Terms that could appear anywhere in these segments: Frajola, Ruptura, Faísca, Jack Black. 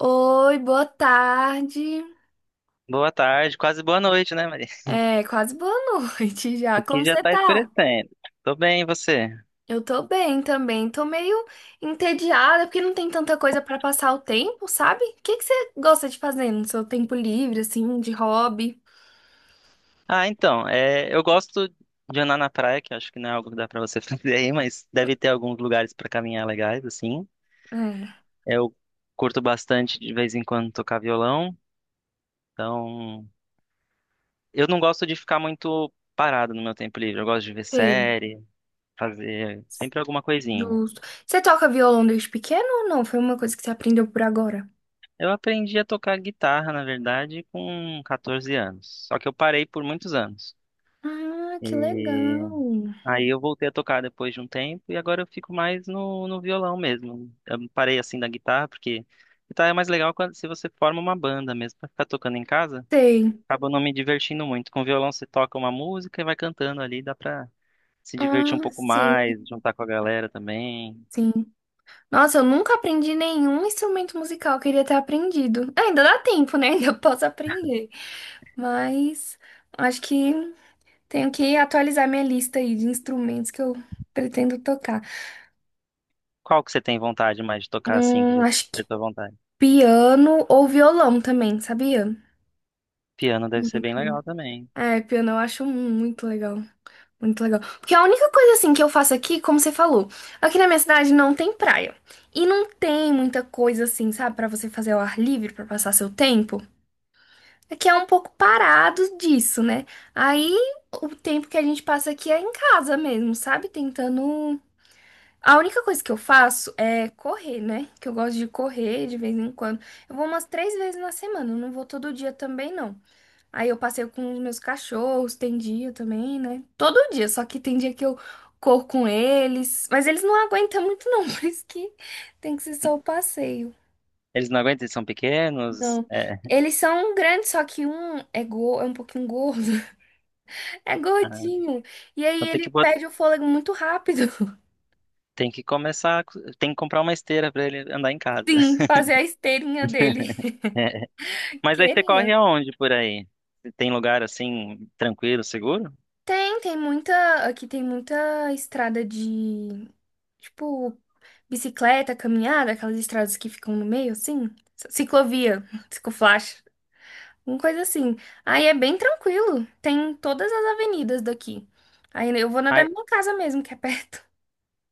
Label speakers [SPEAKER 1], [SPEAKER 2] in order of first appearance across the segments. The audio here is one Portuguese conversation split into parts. [SPEAKER 1] Oi, boa tarde.
[SPEAKER 2] Boa tarde, quase boa noite, né, Maria?
[SPEAKER 1] É, quase boa noite já.
[SPEAKER 2] Aqui
[SPEAKER 1] Como
[SPEAKER 2] já
[SPEAKER 1] você
[SPEAKER 2] tá
[SPEAKER 1] tá?
[SPEAKER 2] escurecendo. Tô bem, e você?
[SPEAKER 1] Eu tô bem também. Tô meio entediada porque não tem tanta coisa pra passar o tempo, sabe? O que que você gosta de fazer no seu tempo livre, assim, de hobby?
[SPEAKER 2] Eu gosto de andar na praia, que acho que não é algo que dá pra você fazer aí, mas deve ter alguns lugares pra caminhar legais, assim.
[SPEAKER 1] É,
[SPEAKER 2] Eu curto bastante de vez em quando tocar violão, então eu não gosto de ficar muito parado no meu tempo livre. Eu gosto de ver
[SPEAKER 1] sei,
[SPEAKER 2] série, fazer sempre alguma coisinha.
[SPEAKER 1] justo. Você toca violão desde pequeno ou não? Foi uma coisa que você aprendeu por agora?
[SPEAKER 2] Eu aprendi a tocar guitarra, na verdade, com 14 anos, só que eu parei por muitos anos.
[SPEAKER 1] Ah, que
[SPEAKER 2] E
[SPEAKER 1] legal.
[SPEAKER 2] Aí eu voltei a tocar depois de um tempo e agora eu fico mais no violão mesmo. Eu parei assim da guitarra, porque guitarra é mais legal quando, se você forma uma banda mesmo. Pra ficar tocando em casa,
[SPEAKER 1] Sei.
[SPEAKER 2] acaba não me divertindo muito. Com violão você toca uma música e vai cantando ali, dá pra se divertir
[SPEAKER 1] Ah,
[SPEAKER 2] um pouco
[SPEAKER 1] sim,
[SPEAKER 2] mais, juntar com a galera também.
[SPEAKER 1] sim. Nossa, eu nunca aprendi nenhum instrumento musical, eu queria ter aprendido. Ah, ainda dá tempo, né? Ainda posso aprender. Mas acho que tenho que atualizar minha lista aí de instrumentos que eu pretendo tocar.
[SPEAKER 2] Qual que você tem vontade mais de tocar assim, que já
[SPEAKER 1] Acho que
[SPEAKER 2] é tua vontade?
[SPEAKER 1] piano ou violão também, sabia?
[SPEAKER 2] Piano deve ser bem
[SPEAKER 1] Muito.
[SPEAKER 2] legal também.
[SPEAKER 1] É, piano eu acho muito legal. Muito legal. Porque a única coisa assim que eu faço aqui, como você falou, aqui na minha cidade não tem praia. E não tem muita coisa assim, sabe, pra você fazer ao ar livre, pra passar seu tempo. É que é um pouco parado disso, né? Aí o tempo que a gente passa aqui é em casa mesmo, sabe? Tentando. A única coisa que eu faço é correr, né? Que eu gosto de correr de vez em quando. Eu vou umas três vezes na semana, eu não vou todo dia também, não. Aí eu passeio com os meus cachorros, tem dia também, né? Todo dia, só que tem dia que eu corro com eles. Mas eles não aguentam muito, não, por isso que tem que ser só o passeio.
[SPEAKER 2] Eles não aguentam, eles são pequenos.
[SPEAKER 1] Não.
[SPEAKER 2] É.
[SPEAKER 1] Eles são grandes, só que um é, go é um pouquinho gordo. É
[SPEAKER 2] Ah,
[SPEAKER 1] gordinho. E aí
[SPEAKER 2] então
[SPEAKER 1] ele perde o fôlego muito rápido.
[SPEAKER 2] tem que começar, tem que comprar uma esteira pra ele andar em casa.
[SPEAKER 1] Sim, fazer a esteirinha dele.
[SPEAKER 2] Mas aí você
[SPEAKER 1] Queria.
[SPEAKER 2] corre aonde por aí? Tem lugar assim, tranquilo, seguro?
[SPEAKER 1] Tem, tem muita. Aqui tem muita estrada de. Tipo, bicicleta, caminhada, aquelas estradas que ficam no meio, assim. Ciclovia, ciclofaixa, uma coisa assim. Aí é bem tranquilo. Tem todas as avenidas daqui. Aí eu vou na da
[SPEAKER 2] Aí,
[SPEAKER 1] minha casa mesmo, que é perto.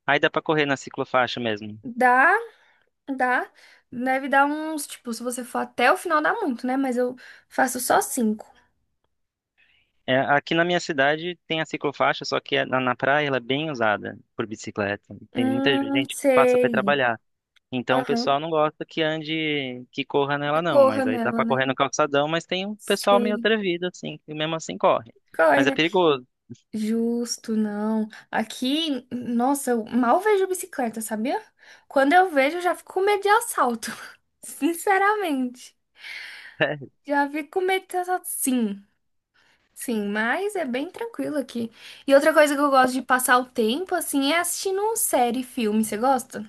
[SPEAKER 2] aí dá pra correr na ciclofaixa mesmo.
[SPEAKER 1] Dá. Dá, deve dar uns, tipo, se você for até o final, dá muito, né? Mas eu faço só cinco.
[SPEAKER 2] É, aqui na minha cidade tem a ciclofaixa, só que é na praia ela é bem usada por bicicleta. Tem muita gente que passa para
[SPEAKER 1] Sei.
[SPEAKER 2] trabalhar. Então o
[SPEAKER 1] Aham.
[SPEAKER 2] pessoal não gosta que ande, que corra nela não.
[SPEAKER 1] Corra
[SPEAKER 2] Mas aí dá
[SPEAKER 1] nela,
[SPEAKER 2] pra
[SPEAKER 1] né?
[SPEAKER 2] correr no calçadão, mas tem um pessoal meio
[SPEAKER 1] Sei.
[SPEAKER 2] atrevido assim, que mesmo assim corre.
[SPEAKER 1] Corre,
[SPEAKER 2] Mas é
[SPEAKER 1] né?
[SPEAKER 2] perigoso.
[SPEAKER 1] Justo, não. Aqui, nossa, eu mal vejo bicicleta, sabia? Quando eu vejo, eu já fico com medo de assalto. Sinceramente.
[SPEAKER 2] É,
[SPEAKER 1] Já fico com medo de assalto, sim. Sim, mas é bem tranquilo aqui. E outra coisa que eu gosto de passar o tempo, assim, é assistindo série e filme. Você gosta?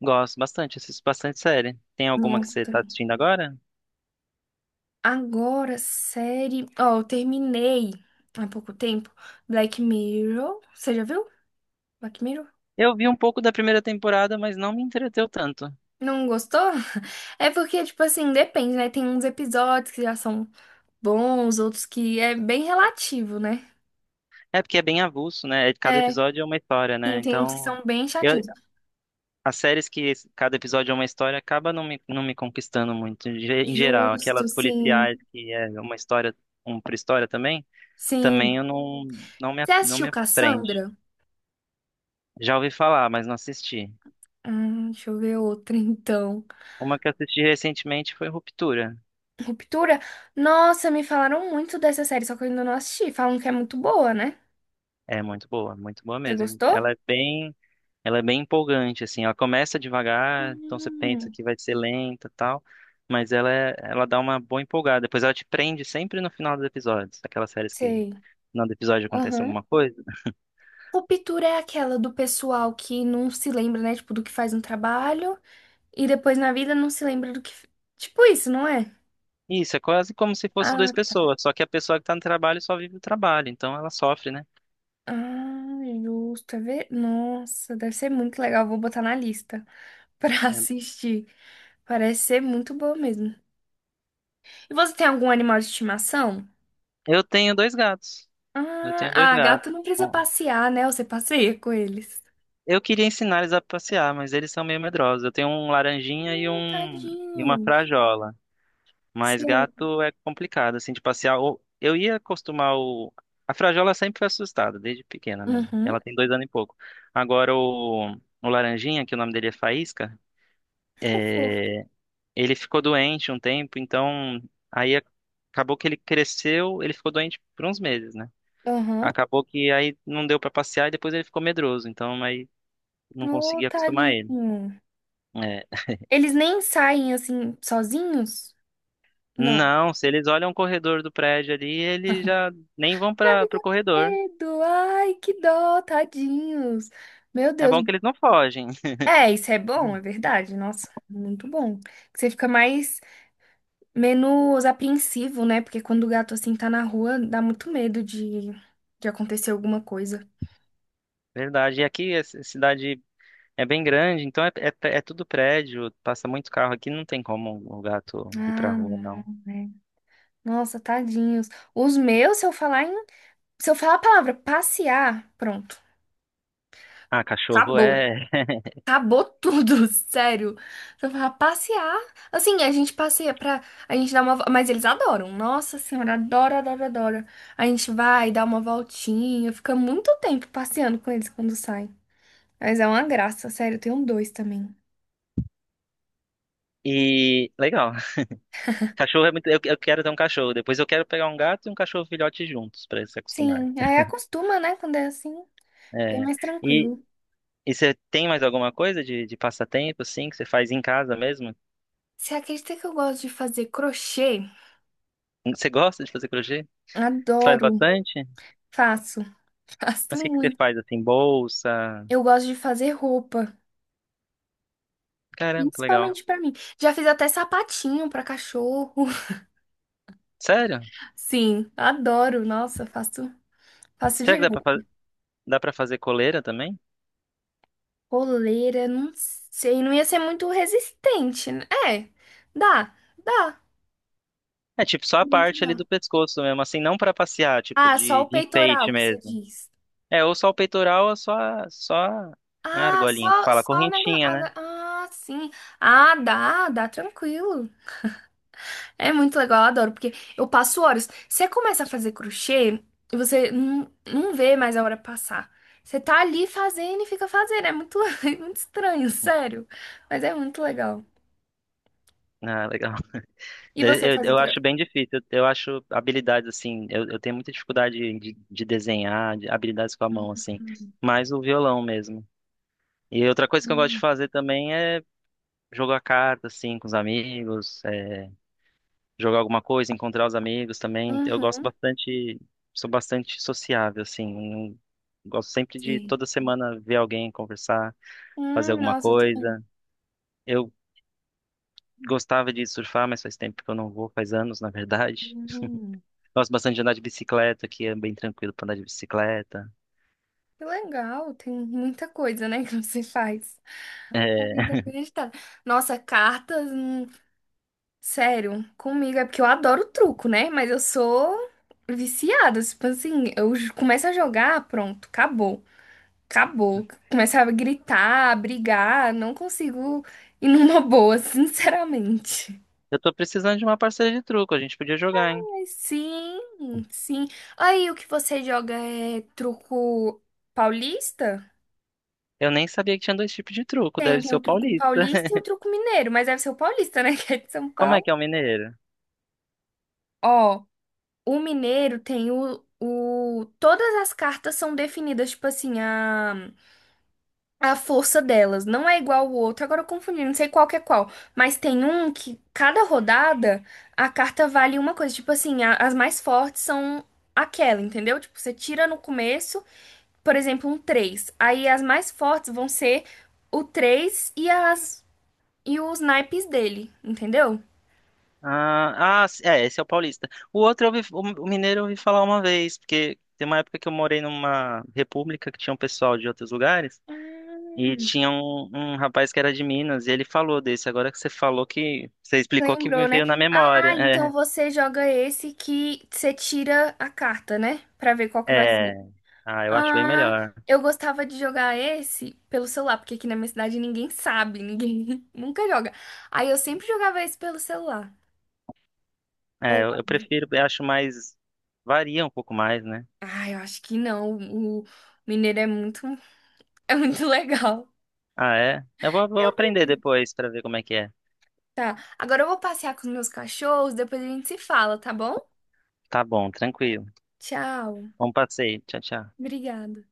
[SPEAKER 2] gosto bastante, assisto bastante série. Tem alguma que
[SPEAKER 1] Nossa,
[SPEAKER 2] você
[SPEAKER 1] tá.
[SPEAKER 2] tá assistindo agora?
[SPEAKER 1] Agora, série. Ó, eu terminei há pouco tempo Black Mirror. Você já viu? Black Mirror?
[SPEAKER 2] Eu vi um pouco da primeira temporada, mas não me entreteu tanto.
[SPEAKER 1] Não gostou? É porque, tipo assim, depende, né? Tem uns episódios que já são bons, outros que é bem relativo, né?
[SPEAKER 2] É porque é bem avulso, né? É, cada
[SPEAKER 1] É,
[SPEAKER 2] episódio é uma história,
[SPEAKER 1] sim,
[SPEAKER 2] né?
[SPEAKER 1] tem uns que
[SPEAKER 2] Então,
[SPEAKER 1] são bem
[SPEAKER 2] eu-
[SPEAKER 1] chatinhos.
[SPEAKER 2] as séries que cada episódio é uma história acaba não me conquistando muito. Em geral, aquelas
[SPEAKER 1] Justo, sim.
[SPEAKER 2] policiais que é uma história, uma pré-história também, também
[SPEAKER 1] Sim.
[SPEAKER 2] eu não me,
[SPEAKER 1] Você
[SPEAKER 2] não
[SPEAKER 1] assistiu
[SPEAKER 2] me prende.
[SPEAKER 1] Cassandra?
[SPEAKER 2] Já ouvi falar, mas não assisti.
[SPEAKER 1] Deixa eu ver outra, então.
[SPEAKER 2] Uma que eu assisti recentemente foi Ruptura.
[SPEAKER 1] Ruptura? Nossa, me falaram muito dessa série, só que eu ainda não assisti. Falam que é muito boa, né?
[SPEAKER 2] É muito boa
[SPEAKER 1] Você
[SPEAKER 2] mesmo.
[SPEAKER 1] gostou?
[SPEAKER 2] Ela é bem empolgante, assim. Ela começa devagar, então você pensa
[SPEAKER 1] Hum.
[SPEAKER 2] que vai ser lenta e tal, mas ela dá uma boa empolgada. Depois ela te prende sempre no final dos episódios, aquelas séries que no
[SPEAKER 1] Sei.
[SPEAKER 2] final do episódio acontece
[SPEAKER 1] Aham.
[SPEAKER 2] alguma coisa.
[SPEAKER 1] Ruptura é aquela do pessoal que não se lembra, né? Tipo, do que faz no trabalho e depois na vida não se lembra do que. Tipo isso, não é?
[SPEAKER 2] Isso, é quase como se fosse
[SPEAKER 1] Ah,
[SPEAKER 2] duas
[SPEAKER 1] tá.
[SPEAKER 2] pessoas, só que a pessoa que tá no trabalho só vive o trabalho, então ela sofre, né?
[SPEAKER 1] Ah, justo. É ver. Nossa, deve ser muito legal. Vou botar na lista pra
[SPEAKER 2] É.
[SPEAKER 1] assistir. Parece ser muito boa mesmo. E você tem algum animal de estimação?
[SPEAKER 2] Eu tenho dois gatos. Eu
[SPEAKER 1] Ah,
[SPEAKER 2] tenho dois
[SPEAKER 1] ah,
[SPEAKER 2] gatos.
[SPEAKER 1] gato não precisa
[SPEAKER 2] Bom,
[SPEAKER 1] passear, né? Você passeia com eles.
[SPEAKER 2] eu queria ensinar eles a passear, mas eles são meio medrosos. Eu tenho um laranjinha
[SPEAKER 1] Ah,
[SPEAKER 2] e
[SPEAKER 1] tadinho.
[SPEAKER 2] uma frajola. Mas
[SPEAKER 1] Sim.
[SPEAKER 2] gato é complicado, assim, de passear. Eu ia acostumar o. A Frajola sempre foi assustada, desde pequena mesmo.
[SPEAKER 1] Uhum.
[SPEAKER 2] Ela tem dois anos e pouco. Agora o, o Laranjinha, que o nome dele é Faísca,
[SPEAKER 1] Ai, fofo.
[SPEAKER 2] é, ele ficou doente um tempo, então aí a- acabou que ele cresceu, ele ficou doente por uns meses, né?
[SPEAKER 1] Aham.
[SPEAKER 2] Acabou que aí não deu pra passear e depois ele ficou medroso, então aí não
[SPEAKER 1] Ô,
[SPEAKER 2] consegui acostumar ele.
[SPEAKER 1] tadinho.
[SPEAKER 2] É,
[SPEAKER 1] Eles nem saem assim sozinhos? Não.
[SPEAKER 2] não, se eles olham o corredor do prédio ali, eles já nem vão
[SPEAKER 1] Eu
[SPEAKER 2] para o
[SPEAKER 1] fico com
[SPEAKER 2] corredor.
[SPEAKER 1] medo. Ai, que dó, tadinhos. Meu
[SPEAKER 2] É
[SPEAKER 1] Deus.
[SPEAKER 2] bom que eles não fogem,
[SPEAKER 1] É, isso é bom, é verdade. Nossa, muito bom. Que você fica mais, menos apreensivo, né? Porque quando o gato assim tá na rua, dá muito medo de acontecer alguma coisa.
[SPEAKER 2] verdade. E aqui a cidade é bem grande, então é tudo prédio, passa muito carro aqui, não tem como o gato ir pra
[SPEAKER 1] Ah,
[SPEAKER 2] rua,
[SPEAKER 1] não,
[SPEAKER 2] não.
[SPEAKER 1] né? Nossa, tadinhos. Os meus, se eu falar em, se eu falar a palavra passear, pronto.
[SPEAKER 2] Ah, cachorro
[SPEAKER 1] Acabou.
[SPEAKER 2] é.
[SPEAKER 1] Acabou tudo, sério. Só pra passear. Assim, a gente passeia pra. A gente dá uma. Mas eles adoram. Nossa senhora, adora, adora, adora. A gente vai, dá uma voltinha. Fica muito tempo passeando com eles quando saem. Mas é uma graça, sério. Eu tenho dois também.
[SPEAKER 2] E legal. Cachorro é muito. Eu quero ter um cachorro. Depois eu quero pegar um gato e um cachorro filhote juntos pra eles se acostumarem.
[SPEAKER 1] Sim, aí acostuma, né? Quando é assim, bem
[SPEAKER 2] É.
[SPEAKER 1] mais
[SPEAKER 2] E,
[SPEAKER 1] tranquilo.
[SPEAKER 2] e você tem mais alguma coisa de passatempo, assim, que você faz em casa mesmo?
[SPEAKER 1] Você acredita que eu gosto de fazer crochê?
[SPEAKER 2] Você gosta de fazer crochê? Você faz
[SPEAKER 1] Adoro.
[SPEAKER 2] bastante?
[SPEAKER 1] Faço. Faço
[SPEAKER 2] Mas o que que você
[SPEAKER 1] muito.
[SPEAKER 2] faz, assim? Bolsa?
[SPEAKER 1] Eu gosto de fazer roupa.
[SPEAKER 2] Caramba, que legal.
[SPEAKER 1] Principalmente pra mim. Já fiz até sapatinho pra cachorro.
[SPEAKER 2] Sério?
[SPEAKER 1] Sim, adoro. Nossa, faço, faço
[SPEAKER 2] Será que dá
[SPEAKER 1] direto.
[SPEAKER 2] pra fazer? Dá pra fazer coleira também?
[SPEAKER 1] Coleira, não sei, não ia ser muito resistente, né? É, dá, dá.
[SPEAKER 2] É tipo só a
[SPEAKER 1] Bem que
[SPEAKER 2] parte ali
[SPEAKER 1] dá.
[SPEAKER 2] do pescoço mesmo, assim, não pra passear, tipo
[SPEAKER 1] Ah, só o
[SPEAKER 2] de enfeite
[SPEAKER 1] peitoral que você
[SPEAKER 2] mesmo.
[SPEAKER 1] diz.
[SPEAKER 2] É, ou só o peitoral, ou só, só a
[SPEAKER 1] Ah,
[SPEAKER 2] argolinha, que
[SPEAKER 1] só,
[SPEAKER 2] fala a
[SPEAKER 1] só o negócio.
[SPEAKER 2] correntinha, né?
[SPEAKER 1] Ah, sim. Ah, dá, dá tranquilo. É muito legal, eu adoro, porque eu passo horas. Você começa a fazer crochê e você não, não vê mais a hora passar. Você tá ali fazendo e fica fazendo. É muito, é muito estranho, sério. Mas é muito legal.
[SPEAKER 2] Ah, legal.
[SPEAKER 1] E você faz
[SPEAKER 2] Eu acho
[SPEAKER 1] outra.
[SPEAKER 2] bem difícil, eu acho habilidades assim, eu tenho muita dificuldade de desenhar, de habilidades com a mão, assim, mais o violão mesmo. E outra coisa que eu gosto de
[SPEAKER 1] Hum.
[SPEAKER 2] fazer também é jogar carta, assim, com os amigos, é, jogar alguma coisa, encontrar os amigos também. Eu gosto
[SPEAKER 1] Uhum.
[SPEAKER 2] bastante, sou bastante sociável, assim. Gosto sempre de
[SPEAKER 1] Sim.
[SPEAKER 2] toda semana ver alguém, conversar, fazer alguma
[SPEAKER 1] Nossa, eu tô vendo.
[SPEAKER 2] coisa. Eu gostava de surfar, mas faz tempo que eu não vou, faz anos, na verdade.
[SPEAKER 1] Hum.
[SPEAKER 2] Gosto bastante de andar de bicicleta, que é bem tranquilo pra andar de bicicleta.
[SPEAKER 1] Que legal, tem muita coisa, né, que você faz. A
[SPEAKER 2] É,
[SPEAKER 1] vida é bem agitada. Nossa, cartas. Sério, comigo é porque eu adoro truco, né? Mas eu sou viciada. Tipo assim, eu começo a jogar, pronto, acabou. Acabou. Começo a gritar, a brigar, não consigo ir numa boa, sinceramente.
[SPEAKER 2] eu tô precisando de uma parceira de truco, a gente podia jogar, hein?
[SPEAKER 1] Mas sim, sim. Aí o que você joga é truco paulista?
[SPEAKER 2] Eu nem sabia que tinha dois tipos de truco,
[SPEAKER 1] Tem,
[SPEAKER 2] deve
[SPEAKER 1] tem
[SPEAKER 2] ser
[SPEAKER 1] o
[SPEAKER 2] o
[SPEAKER 1] truco
[SPEAKER 2] paulista.
[SPEAKER 1] paulista e o truco mineiro, mas deve ser o paulista, né? Que é de São
[SPEAKER 2] Como é que
[SPEAKER 1] Paulo.
[SPEAKER 2] é o mineiro?
[SPEAKER 1] Ó. O mineiro tem o. Todas as cartas são definidas, tipo assim, a força delas. Não é igual o outro. Agora eu confundi, não sei qual que é qual. Mas tem um que, cada rodada, a carta vale uma coisa. Tipo assim, as mais fortes são aquela, entendeu? Tipo, você tira no começo, por exemplo, um três. Aí as mais fortes vão ser o 3 e as. E os naipes dele, entendeu?
[SPEAKER 2] É, esse é o paulista. O outro, eu ouvi, o mineiro eu ouvi falar uma vez, porque tem uma época que eu morei numa república que tinha um pessoal de outros lugares, e
[SPEAKER 1] Ah.
[SPEAKER 2] tinha um rapaz que era de Minas, e ele falou desse. Agora que você falou que, você explicou que me
[SPEAKER 1] Lembrou, né?
[SPEAKER 2] veio na memória.
[SPEAKER 1] Ah, então você joga esse que você tira a carta, né? Pra ver qual que vai
[SPEAKER 2] É, é,
[SPEAKER 1] ser.
[SPEAKER 2] ah, eu acho bem
[SPEAKER 1] Ah,
[SPEAKER 2] melhor.
[SPEAKER 1] eu gostava de jogar esse pelo celular, porque aqui na minha cidade ninguém sabe, ninguém nunca joga. Aí eu sempre jogava esse pelo celular.
[SPEAKER 2] É, eu
[SPEAKER 1] Online.
[SPEAKER 2] prefiro, eu acho mais, varia um pouco mais, né?
[SPEAKER 1] Ah, eu acho que não. O mineiro é muito, é muito legal.
[SPEAKER 2] Ah, é? Vou
[SPEAKER 1] Eu
[SPEAKER 2] aprender
[SPEAKER 1] prefiro.
[SPEAKER 2] depois pra ver como é que é.
[SPEAKER 1] Tá, agora eu vou passear com os meus cachorros, depois a gente se fala, tá bom?
[SPEAKER 2] Tá bom, tranquilo.
[SPEAKER 1] Tchau.
[SPEAKER 2] Bom passeio. Tchau, tchau.
[SPEAKER 1] Obrigada.